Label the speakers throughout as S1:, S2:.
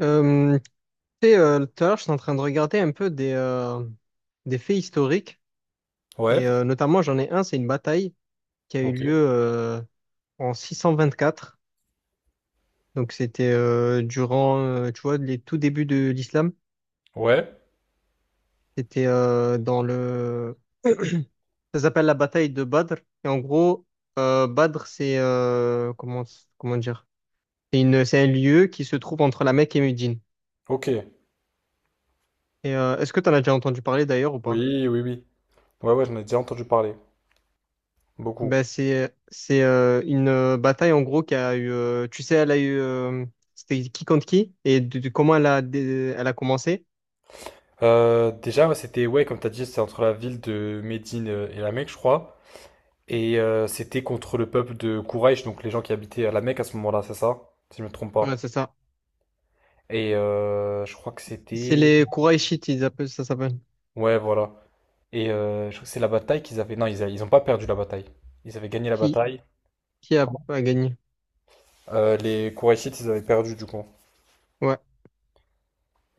S1: Euh, Tu sais, tout à l'heure, je suis en train de regarder un peu des faits historiques,
S2: Ouais,
S1: et notamment, j'en ai un, c'est une bataille qui a eu
S2: ok.
S1: lieu en 624. Donc, c'était durant, tu vois, les tout débuts de l'islam.
S2: Ouais,
S1: C'était euh, dans le... Ça s'appelle la bataille de Badr. Et en gros, Badr, c'est comment dire? C'est un lieu qui se trouve entre la Mecque et Médine.
S2: ok.
S1: Et est-ce que tu en as déjà entendu parler d'ailleurs ou pas?
S2: Oui, oui, oui. Ouais, ouais, j'en ai déjà entendu parler. Beaucoup.
S1: Ben c'est une bataille en gros qui a eu tu sais elle a eu c'était qui contre qui et de comment elle a commencé.
S2: Déjà, ouais, c'était, ouais, comme t'as dit, c'était entre la ville de Médine et la Mecque, je crois. Et c'était contre le peuple de Quraysh, donc les gens qui habitaient à la Mecque à ce moment-là, c'est ça? Si je me trompe
S1: Ouais,
S2: pas.
S1: c'est ça.
S2: Et je crois que
S1: C'est
S2: c'était...
S1: les Qurayshites, ils appellent ça s'appelle.
S2: Ouais, voilà. Et je crois que c'est la bataille qu'ils avaient... Non, ils, ils ont pas perdu la bataille. Ils avaient gagné la
S1: qui
S2: bataille.
S1: qui a,
S2: Comment?
S1: a gagné?
S2: Les Qurayshites, ils avaient perdu, du coup.
S1: Ouais,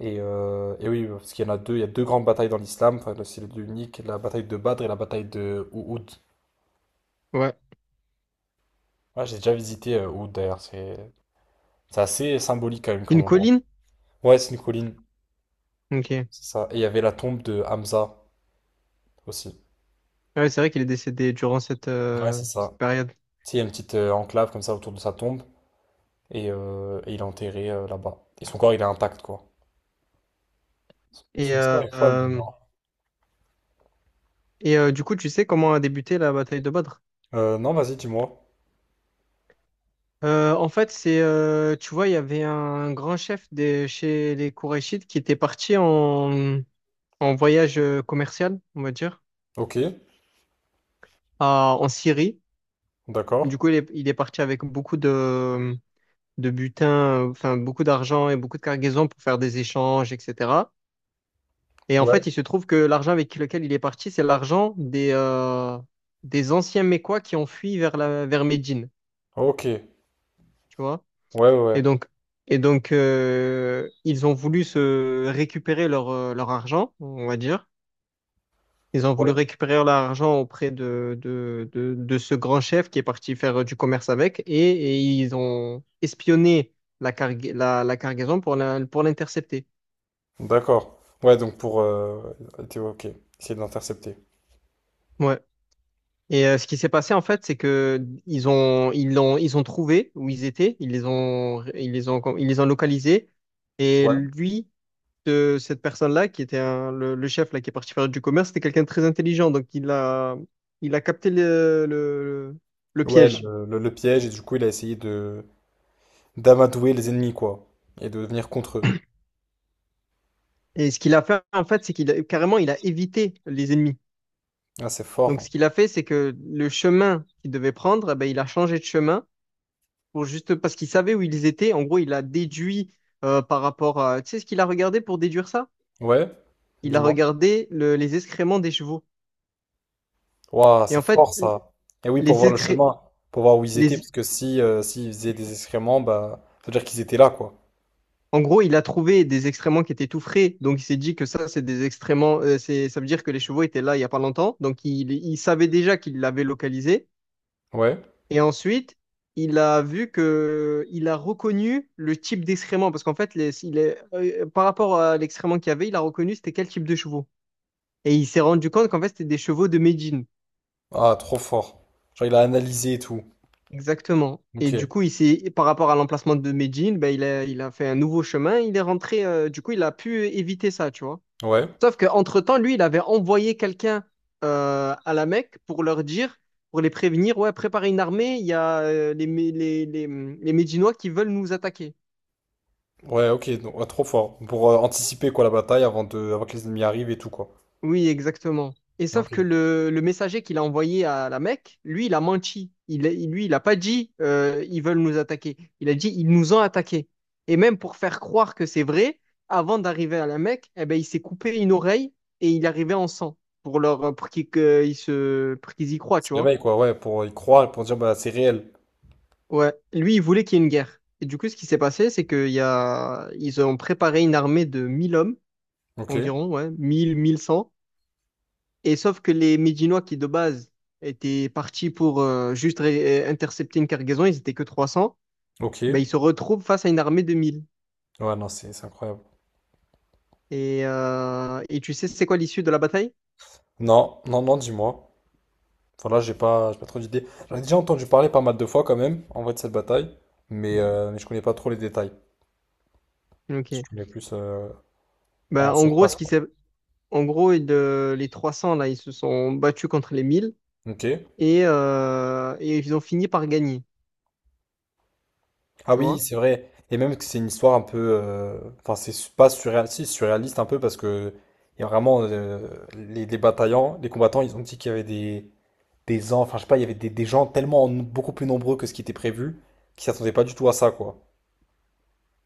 S2: Et oui, parce qu'il y en a deux, il y a deux grandes batailles dans l'islam, enfin, c'est les deux uniques, la bataille de Badr et la bataille de Uhud.
S1: ouais.
S2: Ouais, j'ai déjà visité Uhud d'ailleurs, c'est assez symbolique quand même comme
S1: Une
S2: endroit.
S1: colline.
S2: Ouais, c'est une colline,
S1: Ok.
S2: c'est ça. Et il y avait la tombe de Hamza aussi.
S1: Ouais, c'est vrai qu'il est décédé durant cette
S2: Ouais,
S1: euh,
S2: c'est ça.
S1: cette période.
S2: Tu sais, il y a une petite enclave comme ça autour de sa tombe, et il est enterré là-bas. Et son corps, il est intact, quoi.
S1: et
S2: Son histoire
S1: euh,
S2: est folle
S1: euh,
S2: d'ailleurs.
S1: du coup, tu sais comment a débuté la bataille de Badr?
S2: Non, vas-y, dis-moi.
S1: En fait, c'est tu vois, il y avait un grand chef chez les Qurayshites qui était parti en voyage commercial, on va dire,
S2: Ok,
S1: en Syrie.
S2: d'accord.
S1: Du coup, il est parti avec beaucoup de butin, enfin beaucoup d'argent et beaucoup de cargaisons pour faire des échanges, etc. Et en fait,
S2: Ouais.
S1: il se trouve que l'argent avec lequel il est parti, c'est l'argent des anciens Mécois qui ont fui vers vers Médine,
S2: Ok, ouais,
S1: tu vois. Et
S2: ouais.
S1: donc, et donc ils ont voulu se récupérer leur argent, on va dire. Ils ont voulu
S2: Ouais.
S1: récupérer l'argent auprès de ce grand chef qui est parti faire du commerce avec et ils ont espionné la cargaison pour l'intercepter.
S2: D'accord. Ouais, donc pour... ok, essayer de l'intercepter.
S1: Ouais. Et ce qui s'est passé en fait, c'est que ils ont trouvé où ils étaient, ils les ont localisés et
S2: Ouais.
S1: lui de cette personne-là qui était le chef là qui est parti faire du commerce, c'était quelqu'un de très intelligent. Donc il a capté le le
S2: Ouais,
S1: piège.
S2: le, le piège, et du coup, il a essayé de d'amadouer les ennemis, quoi. Et de venir contre eux.
S1: Et ce qu'il a fait, en fait, c'est carrément, il a évité les ennemis.
S2: Ah, c'est
S1: Donc,
S2: fort.
S1: ce qu'il a fait, c'est que le chemin qu'il devait prendre, eh ben, il a changé de chemin pour juste parce qu'il savait où ils étaient. En gros, il a déduit par rapport à. Tu sais ce qu'il a regardé pour déduire ça?
S2: Ouais,
S1: Il a
S2: dis-moi.
S1: regardé les excréments des chevaux.
S2: Waouh,
S1: Et en
S2: c'est
S1: fait,
S2: fort, ça. Et oui, pour
S1: les
S2: voir le
S1: excré...
S2: chemin, pour voir où ils étaient,
S1: les...
S2: parce que si, s'ils faisaient des excréments, bah, ça veut dire qu'ils étaient là, quoi.
S1: en gros, il a trouvé des excréments qui étaient tout frais. Donc, il s'est dit que ça, c'est des excréments. Ça veut dire que les chevaux étaient là il n'y a pas longtemps. Donc, il savait déjà qu'il l'avait localisé.
S2: Ouais.
S1: Et ensuite, il a reconnu le type d'excrément parce qu'en fait, par rapport à l'excrément qu'il y avait, il a reconnu c'était quel type de chevaux. Et il s'est rendu compte qu'en fait, c'était des chevaux de Médine.
S2: Ah, trop fort. Genre, il a analysé et tout.
S1: Exactement. Et
S2: Ok.
S1: du coup, par rapport à l'emplacement de Médine, ben, il a fait un nouveau chemin. Il est rentré. Du coup, il a pu éviter ça, tu vois.
S2: Ouais.
S1: Sauf qu'entre-temps, lui, il avait envoyé quelqu'un à la Mecque pour leur dire, pour les prévenir, ouais, préparez une armée. Il y a les, Mé- les Médinois qui veulent nous attaquer.
S2: Ouais, ok, donc, ouais, trop fort. Pour anticiper, quoi, la bataille avant de, avant que les ennemis arrivent et tout, quoi.
S1: Oui, exactement. Et sauf que le messager qu'il a envoyé à la Mecque, lui, il a menti. Lui, il n'a pas dit ils veulent nous attaquer. Il a dit ils nous ont attaqués. Et même pour faire croire que c'est vrai, avant d'arriver à la Mecque, eh ben, il s'est coupé une oreille et il arrivait en sang pour qu'ils que- ils se pour qu'ils y croient,
S2: Se
S1: tu vois.
S2: réveille quoi, ouais, pour y croire, pour dire, bah, c'est réel.
S1: Ouais, lui, il voulait qu'il y ait une guerre. Et du coup, ce qui s'est passé, c'est qu'il y a ils ont préparé une armée de 1 000 hommes
S2: Ok,
S1: environ, ouais, 1 100. Et sauf que les Médinois qui de base étaient partis pour intercepter une cargaison, ils étaient que 300,
S2: ok.
S1: ben, ils se retrouvent face à une armée de 1 000.
S2: Ouais, non, c'est incroyable.
S1: Et tu sais c'est quoi l'issue de la bataille?
S2: Non, non, non, dis-moi. Voilà, j'ai pas trop d'idées. J'en ai déjà entendu parler pas mal de fois, quand même, en vrai, de cette bataille, mais je connais pas trop les détails. Je
S1: Ok.
S2: connais plus en
S1: Ben, en gros,
S2: surface,
S1: ce qui
S2: quoi.
S1: s'est- en gros les 300 là, ils se sont battus contre les 1 000
S2: Ok.
S1: et ils ont fini par gagner,
S2: Ah
S1: tu
S2: oui,
S1: vois?
S2: c'est vrai. Et même que c'est une histoire un peu. Enfin, c'est pas surréaliste, si, surréaliste un peu, parce que. Il y a vraiment. Les bataillants, les combattants, ils ont dit qu'il y avait des. Des enfants, enfin, je sais pas, il y avait des gens tellement beaucoup plus nombreux que ce qui était prévu, qui s'attendaient pas du tout à ça, quoi.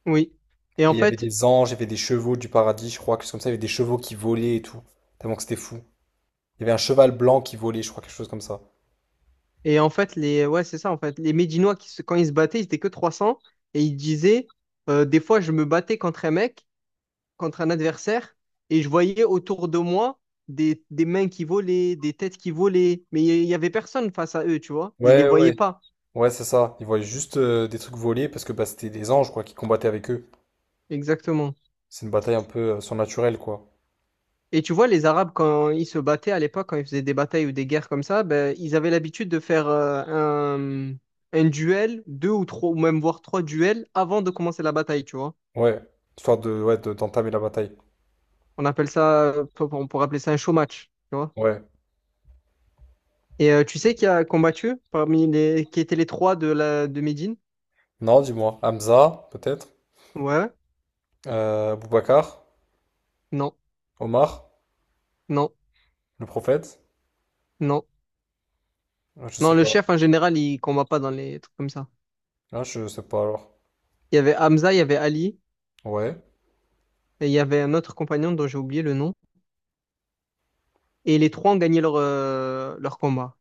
S1: Oui. Et
S2: Et
S1: en
S2: il y avait
S1: fait,
S2: des anges, il y avait des chevaux du paradis, je crois, quelque chose comme ça, il y avait des chevaux qui volaient et tout. Tellement que c'était fou. Il y avait un cheval blanc qui volait, je crois, quelque chose comme ça.
S1: et en fait les Ouais, c'est ça. En fait, les Médinois quand ils se battaient, ils étaient que 300 et ils disaient des fois je me battais contre un adversaire et je voyais autour de moi des mains qui volaient, des têtes qui volaient, mais il n'y avait personne face à eux, tu vois. Ils les
S2: Ouais,
S1: voyaient
S2: ouais.
S1: pas,
S2: Ouais, c'est ça. Ils voyaient juste des trucs voler parce que bah, c'était des anges, quoi, qui combattaient avec eux.
S1: exactement.
S2: C'est une bataille un peu surnaturelle, quoi.
S1: Et tu vois, les Arabes, quand ils se battaient à l'époque, quand ils faisaient des batailles ou des guerres comme ça, ben, ils avaient l'habitude de faire un duel, deux ou trois, ou même voire trois duels avant de commencer la bataille, tu vois.
S2: Ouais. Histoire de, ouais, d'entamer la bataille.
S1: On appelle ça, on pourrait appeler ça un show match, tu vois.
S2: Ouais.
S1: Et tu sais qui a combattu parmi qui étaient les trois de de Médine?
S2: Non, dis-moi. Hamza, peut-être.
S1: Ouais,
S2: Boubacar.
S1: non,
S2: Omar.
S1: non.
S2: Le prophète.
S1: Non.
S2: Je
S1: Non,
S2: sais
S1: le
S2: pas.
S1: chef, en général, il combat pas dans les trucs comme ça.
S2: Ah, je sais pas alors.
S1: Il y avait Hamza, il y avait Ali,
S2: Ouais.
S1: et il y avait un autre compagnon dont j'ai oublié le nom. Et les trois ont gagné leur combat.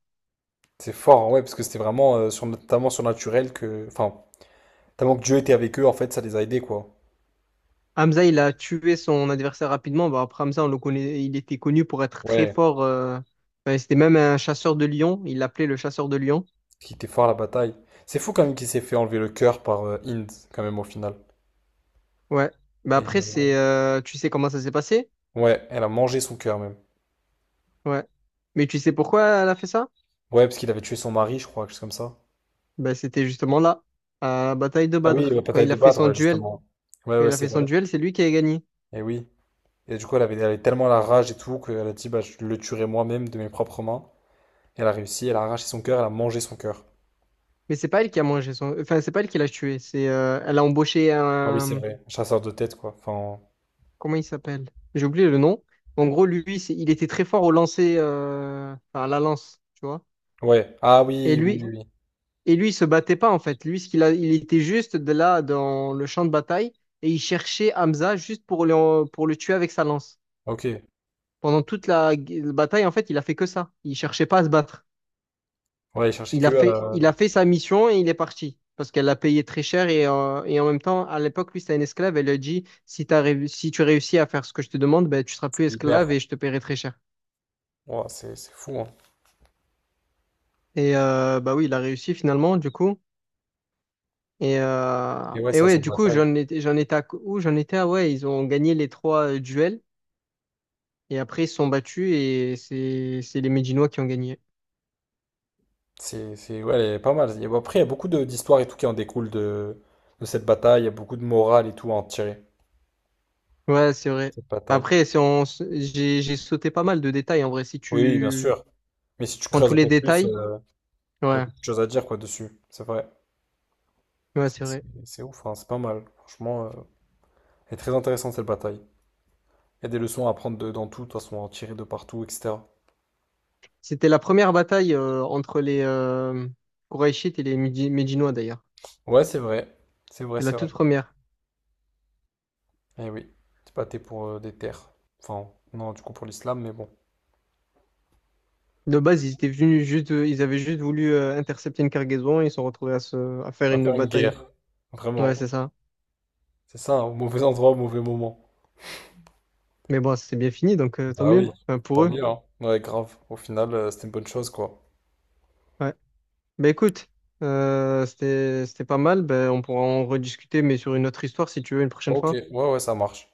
S2: C'est fort, hein, ouais, parce que c'était vraiment sur, notamment surnaturel que. Enfin, tellement que Dieu était avec eux, en fait, ça les a aidés, quoi.
S1: Hamza, il a tué son adversaire rapidement. Bah, après Hamza, on le connaît, il était connu pour être très
S2: Ouais.
S1: fort. Enfin, c'était même un chasseur de lions. Il l'appelait le chasseur de lions.
S2: Qui était fort à la bataille. C'est fou quand même qu'il s'est fait enlever le cœur par Hind, quand même, au final.
S1: Ouais. Bah
S2: Et,
S1: après, tu sais comment ça s'est passé?
S2: ouais, elle a mangé son cœur même.
S1: Ouais. Mais tu sais pourquoi elle a fait ça?
S2: Ouais, parce qu'il avait tué son mari, je crois, quelque chose comme ça.
S1: Bah, c'était justement là, à la bataille de
S2: Ah oui, la
S1: Badr, quand
S2: bataille
S1: il
S2: de
S1: a fait
S2: Badr,
S1: son
S2: ouais,
S1: duel.
S2: justement. Ouais,
S1: Quand
S2: ouais,
S1: il a
S2: c'est
S1: fait son
S2: vrai.
S1: duel, c'est lui qui a gagné.
S2: Et oui. Et du coup, elle avait tellement la rage et tout qu'elle a dit, bah, je le tuerai moi-même de mes propres mains. Et elle a réussi, elle a arraché son cœur, elle a mangé son cœur.
S1: Mais c'est pas elle qui a mangé son... Enfin, c'est pas elle qui l'a tué. Elle a embauché
S2: Ah oui, c'est
S1: un...
S2: vrai. Chasseur de tête, quoi. Enfin,
S1: Comment il s'appelle? J'ai oublié le nom. En gros, lui, il était très fort au lancer... Enfin, à la lance, tu vois.
S2: ouais. Ah
S1: Et
S2: oui, oui, oui.
S1: lui,
S2: Oui.
S1: et lui, il se battait pas, en fait. Lui, ce qu'il a... il était juste de là, dans le champ de bataille, et il cherchait Hamza juste pour le tuer avec sa lance.
S2: Ok.
S1: Pendant toute la bataille, en fait, il a fait que ça. Il cherchait pas à se battre.
S2: Ouais, il cherchait que
S1: Il a fait sa mission et il est parti. Parce qu'elle l'a payé très cher et en même temps, à l'époque, lui, c'était un esclave. Elle lui a dit, si si tu réussis à faire ce que je te demande, ben, tu seras plus esclave
S2: libère.
S1: et je te paierai très cher.
S2: Ouah, c'est fou, hein.
S1: Et bah oui, il a réussi finalement, du coup.
S2: Et ouais,
S1: Et
S2: ça,
S1: ouais,
S2: cette
S1: du coup,
S2: bataille.
S1: j'en étais à où? J'en étais à, ouais, ils ont gagné les trois duels. Et après, ils se sont battus et c'est les Médinois qui ont gagné.
S2: C'est, ouais, elle est pas mal. Il y a- Après, il y a beaucoup d'histoires et tout qui en découlent de cette bataille. Il y a beaucoup de morale et tout à en tirer,
S1: Ouais, c'est vrai.
S2: cette bataille.
S1: Après, si on s- j'ai sauté pas mal de détails en vrai. Si
S2: Oui, bien
S1: tu
S2: sûr. Mais si tu
S1: prends
S2: creuses
S1: tous
S2: un
S1: les
S2: peu plus,
S1: détails,
S2: il y a
S1: ouais,
S2: beaucoup de choses à dire, quoi, dessus. C'est vrai.
S1: ouais,
S2: C'est
S1: c'est
S2: c'est-
S1: vrai.
S2: c'est ouf, hein. C'est pas mal. Franchement, elle est très intéressante, cette bataille. Il y a des leçons à prendre dans tout, de toute façon, à en tirer de partout, etc.
S1: C'était la première bataille entre les Qurayshites et les Médinois d'ailleurs.
S2: Ouais, c'est vrai. C'est vrai,
S1: C'est la
S2: c'est vrai.
S1: toute première.
S2: Eh oui. C'est pas t'es pour des terres. Enfin, non, du coup pour l'islam, mais bon.
S1: De base, ils avaient juste voulu intercepter une cargaison, ils se sont retrouvés à faire
S2: On va
S1: une
S2: faire une
S1: bataille.
S2: guerre,
S1: Ouais,
S2: vraiment.
S1: c'est ça.
S2: C'est ça, hein, au mauvais endroit, au mauvais moment.
S1: Mais bon, c'est bien fini, donc tant
S2: Bah oui,
S1: mieux. Enfin,
S2: tant
S1: pour eux.
S2: mieux, hein. Ouais, grave. Au final, c'était une bonne chose, quoi.
S1: Ouais. Bah écoute, c'était pas mal. Ben on pourra en rediscuter, mais sur une autre histoire si tu veux une prochaine
S2: Ok,
S1: fois.
S2: ouais, ouais, ça marche.